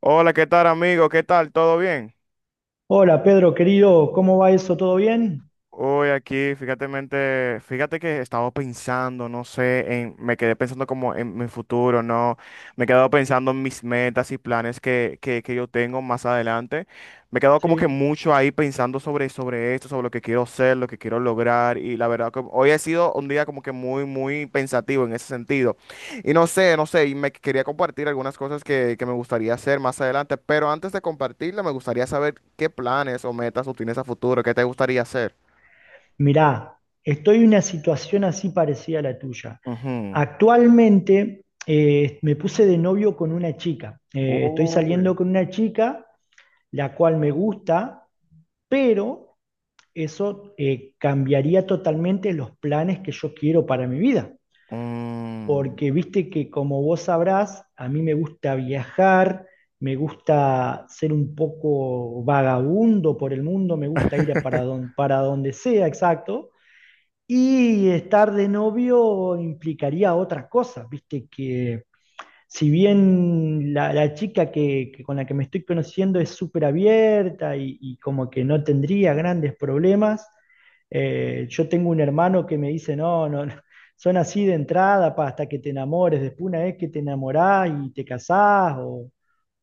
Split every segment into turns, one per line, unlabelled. Hola, ¿qué tal, amigo? ¿Qué tal? ¿Todo bien?
Hola Pedro, querido, ¿cómo va eso? ¿Todo bien?
Hoy aquí, fíjate, fíjate que estaba pensando, no sé, en, me quedé pensando como en mi futuro, ¿no? Me he quedado pensando en mis metas y planes que yo tengo más adelante. Me he quedado como que
Sí.
mucho ahí pensando sobre esto, sobre lo que quiero ser, lo que quiero lograr. Y la verdad que hoy ha sido un día como que muy, muy pensativo en ese sentido. Y no sé, no sé, y me quería compartir algunas cosas que me gustaría hacer más adelante. Pero antes de compartirla, me gustaría saber qué planes o metas tú tienes a futuro, qué te gustaría hacer.
Mirá, estoy en una situación así parecida a la tuya.
Ujú.
Actualmente me puse de novio con una chica. Estoy saliendo
Uy.
con una chica, la cual me gusta, pero eso cambiaría totalmente los planes que yo quiero para mi vida,
Mm.
porque viste que como vos sabrás, a mí me gusta viajar, me gusta ser un poco vagabundo por el mundo, me gusta ir a para donde sea, exacto. Y estar de novio implicaría otras cosas, viste que si bien la chica que con la que me estoy conociendo es súper abierta y como que no tendría grandes problemas, yo tengo un hermano que me dice, no, no, no, son así de entrada pa, hasta que te enamores, después una vez que te enamorás y te casás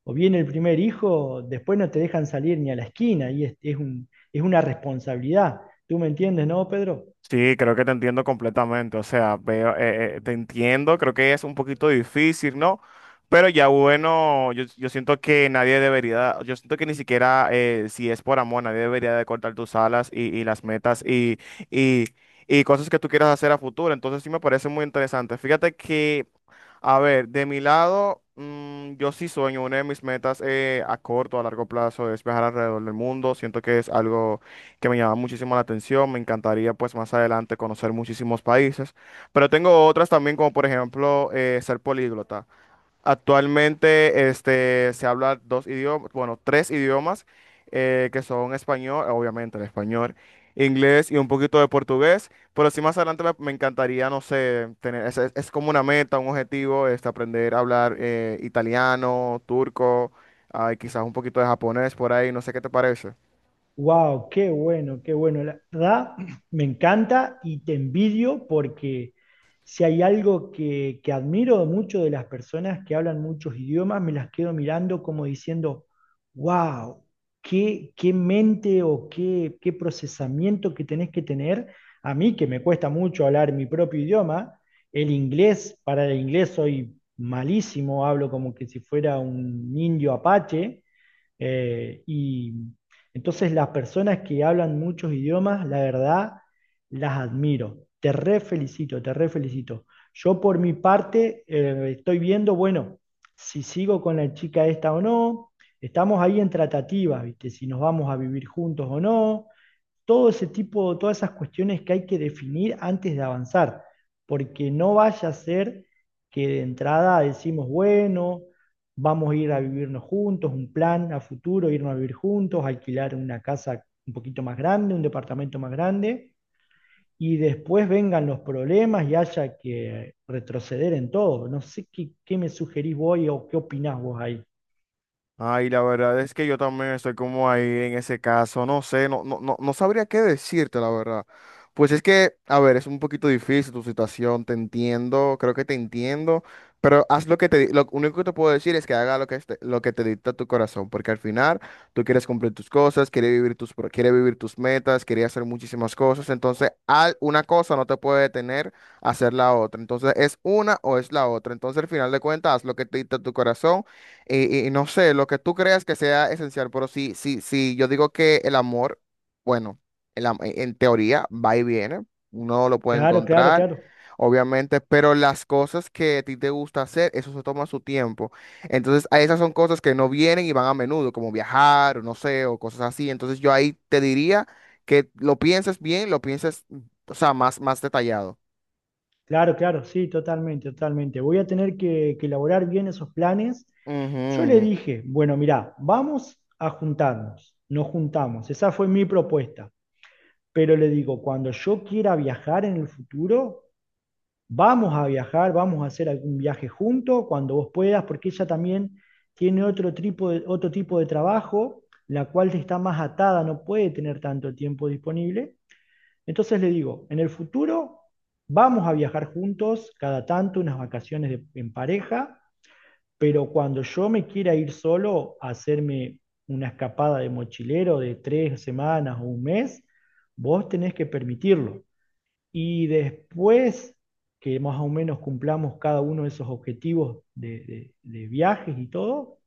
o viene el primer hijo, después no te dejan salir ni a la esquina y es una responsabilidad. ¿Tú me entiendes, no, Pedro?
Sí, creo que te entiendo completamente. O sea, veo, te entiendo, creo que es un poquito difícil, ¿no? Pero ya bueno, yo siento que nadie debería, yo siento que ni siquiera si es por amor, nadie debería de cortar tus alas y las metas y, y cosas que tú quieras hacer a futuro. Entonces sí me parece muy interesante. Fíjate que, a ver, de mi lado, yo sí sueño, una de mis metas a corto, a largo plazo es viajar alrededor del mundo. Siento que es algo que me llama muchísimo la atención. Me encantaría pues más adelante conocer muchísimos países, pero tengo otras también, como por ejemplo ser políglota. Actualmente este, se habla dos idiomas, bueno, tres idiomas que son español, obviamente el español, inglés y un poquito de portugués, pero sí más adelante me encantaría, no sé, tener, es como una meta, un objetivo, este, aprender a hablar italiano, turco, ah, y quizás un poquito de japonés por ahí, no sé qué te parece.
Wow, qué bueno, qué bueno. La verdad, me encanta y te envidio porque si hay algo que admiro mucho de las personas que hablan muchos idiomas, me las quedo mirando como diciendo, wow, qué mente o qué procesamiento que tenés que tener. A mí que me cuesta mucho hablar mi propio idioma, el inglés, para el inglés soy malísimo, hablo como que si fuera un indio apache y entonces las personas que hablan muchos idiomas, la verdad, las admiro. Te re felicito, te re felicito. Yo por mi parte estoy viendo, bueno, si sigo con la chica esta o no. Estamos ahí en tratativas, ¿viste? Si nos vamos a vivir juntos o no, todo ese tipo, todas esas cuestiones que hay que definir antes de avanzar, porque no vaya a ser que de entrada decimos, bueno, vamos a ir a vivirnos juntos, un plan a futuro, irnos a vivir juntos, alquilar una casa un poquito más grande, un departamento más grande, y después vengan los problemas y haya que retroceder en todo. No sé qué me sugerís vos o qué opinás vos ahí.
Ay, la verdad es que yo también estoy como ahí en ese caso, no sé, no, no sabría qué decirte, la verdad. Pues es que, a ver, es un poquito difícil tu situación, te entiendo, creo que te entiendo, pero haz lo lo único que te puedo decir es que haga lo lo que te dicta tu corazón, porque al final tú quieres cumplir tus cosas, quieres vivir quieres vivir tus metas, quieres hacer muchísimas cosas, entonces una cosa no te puede detener a hacer la otra, entonces es una o es la otra, entonces al final de cuentas haz lo que te dicta tu corazón y no sé, lo que tú creas que sea esencial, pero sí, sí, sí, yo digo que el amor, bueno, en teoría va y viene, uno lo puede
Claro, claro,
encontrar,
claro.
obviamente, pero las cosas que a ti te gusta hacer, eso se toma su tiempo. Entonces, a esas son cosas que no vienen y van a menudo, como viajar, o no sé, o cosas así. Entonces, yo ahí te diría que lo pienses bien, lo pienses, o sea, más, más detallado.
Claro, claro, sí, totalmente, totalmente. Voy a tener que elaborar bien esos planes. Yo le
Ujú.
dije, bueno, mirá, vamos a juntarnos, nos juntamos, esa fue mi propuesta, pero le digo, cuando yo quiera viajar en el futuro, vamos a viajar, vamos a hacer algún viaje juntos, cuando vos puedas, porque ella también tiene otro tipo de trabajo, la cual está más atada, no puede tener tanto tiempo disponible. Entonces le digo, en el futuro vamos a viajar juntos cada tanto, unas en pareja, pero cuando yo me quiera ir solo a hacerme una escapada de mochilero de 3 semanas o un mes, vos tenés que permitirlo. Y después que más o menos cumplamos cada uno de esos objetivos de viajes y todo,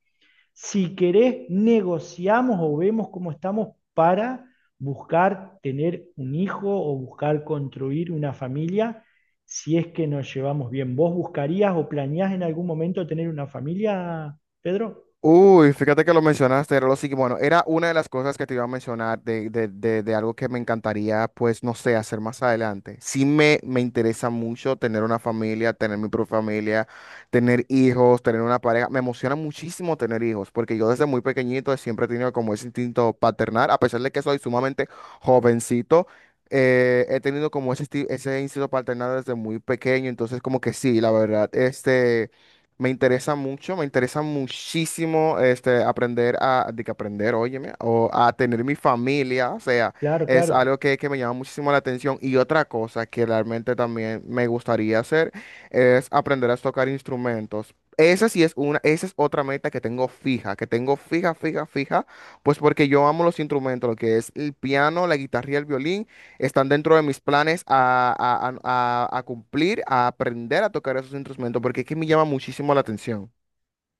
si querés, negociamos o vemos cómo estamos para buscar tener un hijo o buscar construir una familia, si es que nos llevamos bien. ¿Vos buscarías o planeás en algún momento tener una familia, Pedro?
Uy, fíjate que lo mencionaste, era lo siguiente, bueno, era una de las cosas que te iba a mencionar de algo que me encantaría, pues, no sé, hacer más adelante. Me interesa mucho tener una familia, tener mi propia familia, tener hijos, tener una pareja. Me emociona muchísimo tener hijos, porque yo desde muy pequeñito siempre he tenido como ese instinto paternal, a pesar de que soy sumamente jovencito. He tenido como ese instinto paternal desde muy pequeño, entonces como que sí, la verdad, este... Me interesa mucho, me interesa muchísimo este, aprender a, de que aprender, óyeme, o a tener mi familia, o sea,
Claro,
es
claro.
algo que me llama muchísimo la atención. Y otra cosa que realmente también me gustaría hacer es aprender a tocar instrumentos. Esa sí es una, esa es otra meta que tengo fija, fija, fija, pues porque yo amo los instrumentos, lo que es el piano, la guitarra y el violín. Están dentro de mis planes a cumplir, a aprender a tocar esos instrumentos, porque es que me llama muchísimo la atención.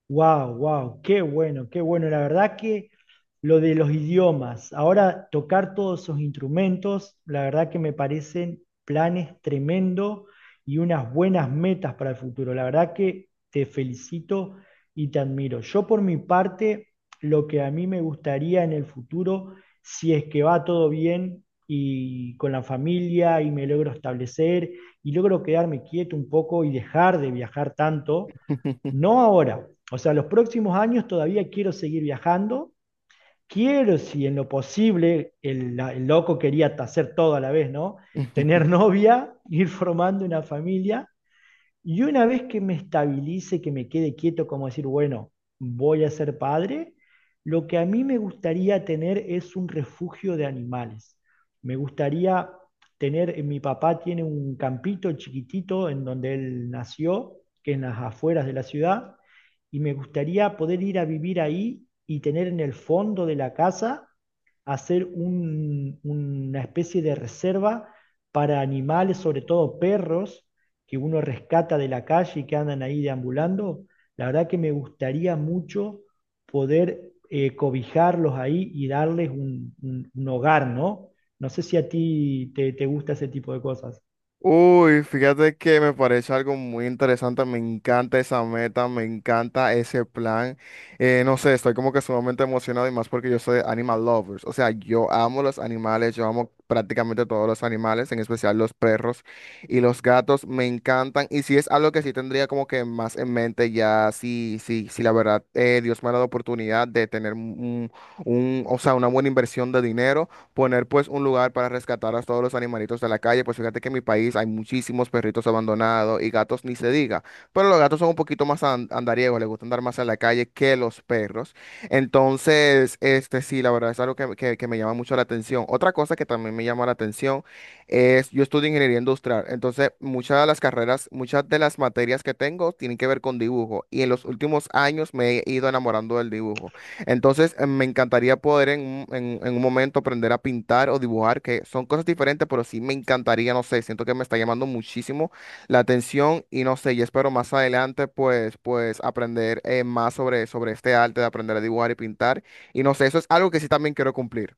Wow, wow, qué bueno, qué bueno. La verdad que lo de los idiomas, ahora tocar todos esos instrumentos, la verdad que me parecen planes tremendo y unas buenas metas para el futuro. La verdad que te felicito y te admiro. Yo por mi parte, lo que a mí me gustaría en el futuro, si es que va todo bien y con la familia y me logro establecer y logro quedarme quieto un poco y dejar de viajar tanto, no ahora. O sea, los próximos años todavía quiero seguir viajando. Quiero, si en lo posible, el loco quería hacer todo a la vez, ¿no? Tener novia, ir formando una familia y una vez que me estabilice, que me quede quieto, como decir, bueno, voy a ser padre, lo que a mí me gustaría tener es un refugio de animales. Me gustaría tener, mi papá tiene un campito chiquitito en donde él nació, que es en las afueras de la ciudad, y me gustaría poder ir a vivir ahí y tener en el fondo de la casa, hacer una especie de reserva para animales, sobre todo perros, que uno rescata de la calle y que andan ahí deambulando. La verdad que me gustaría mucho poder cobijarlos ahí y darles un hogar, ¿no? No sé si a ti te gusta ese tipo de cosas.
Uy, fíjate que me parece algo muy interesante, me encanta esa meta, me encanta ese plan. No sé, estoy como que sumamente emocionado y más porque yo soy animal lovers, o sea, yo amo los animales, yo amo prácticamente todos los animales, en especial los perros y los gatos, me encantan. Y si es algo que sí tendría como que más en mente ya, sí, sí, sí, la verdad, Dios me ha dado oportunidad de tener un, o sea, una buena inversión de dinero, poner pues un lugar para rescatar a todos los animalitos de la calle, pues fíjate que en mi país hay muchísimos perritos abandonados y gatos ni se diga, pero los gatos son un poquito andariegos, les gusta andar más en la calle que los perros. Entonces, este sí, la verdad es algo que me llama mucho la atención. Otra cosa que también me llama la atención es, yo estudio ingeniería industrial, entonces muchas de las carreras, muchas de las materias que tengo tienen que ver con dibujo y en los últimos años me he ido enamorando del dibujo. Entonces, me encantaría poder en un momento aprender a pintar o dibujar, que son cosas diferentes, pero sí me encantaría, no sé, siento que me está llamando muchísimo la atención y no sé, y espero más adelante, pues, pues aprender más sobre este arte de aprender a dibujar y pintar. Y no sé, eso es algo que sí también quiero cumplir.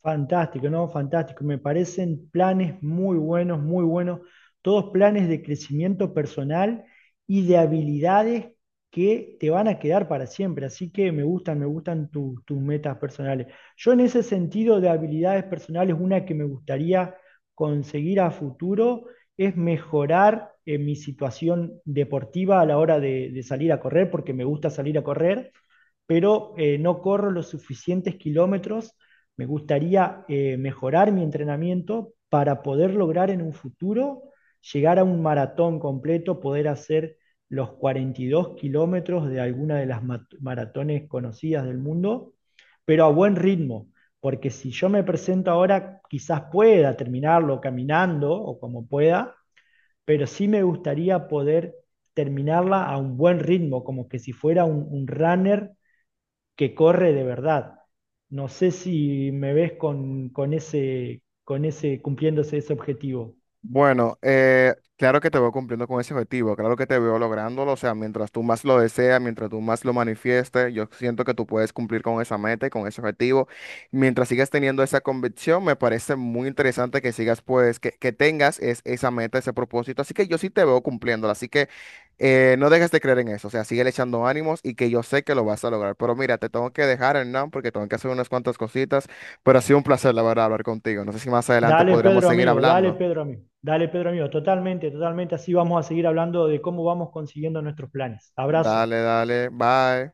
Fantástico, ¿no? Fantástico. Me parecen planes muy buenos, muy buenos. Todos planes de crecimiento personal y de habilidades que te van a quedar para siempre. Así que me gustan tus metas personales. Yo en ese sentido de habilidades personales, una que me gustaría conseguir a futuro es mejorar mi situación deportiva a la hora de salir a correr, porque me gusta salir a correr, pero no corro los suficientes kilómetros. Me gustaría mejorar mi entrenamiento para poder lograr en un futuro llegar a un maratón completo, poder hacer los 42 kilómetros de alguna de las maratones conocidas del mundo, pero a buen ritmo, porque si yo me presento ahora, quizás pueda terminarlo caminando o como pueda, pero sí me gustaría poder terminarla a un buen ritmo, como que si fuera un runner que corre de verdad. No sé si me ves con ese, cumpliéndose ese objetivo.
Bueno, claro que te veo cumpliendo con ese objetivo, claro que te veo lográndolo, o sea, mientras tú más lo deseas, mientras tú más lo manifiestes, yo siento que tú puedes cumplir con esa meta y con ese objetivo. Mientras sigas teniendo esa convicción, me parece muy interesante que sigas, pues, que tengas esa meta, ese propósito, así que yo sí te veo cumpliéndola, así que no dejes de creer en eso, o sea, sigue echando ánimos y que yo sé que lo vas a lograr. Pero mira, te tengo que dejar, Hernán, porque tengo que hacer unas cuantas cositas, pero ha sido un placer, la verdad, hablar contigo. No sé si más adelante
Dale,
podríamos
Pedro,
seguir
amigo, dale,
hablando.
Pedro, amigo. Dale, Pedro, amigo, totalmente, totalmente. Así vamos a seguir hablando de cómo vamos consiguiendo nuestros planes. Abrazo.
Dale, dale, bye.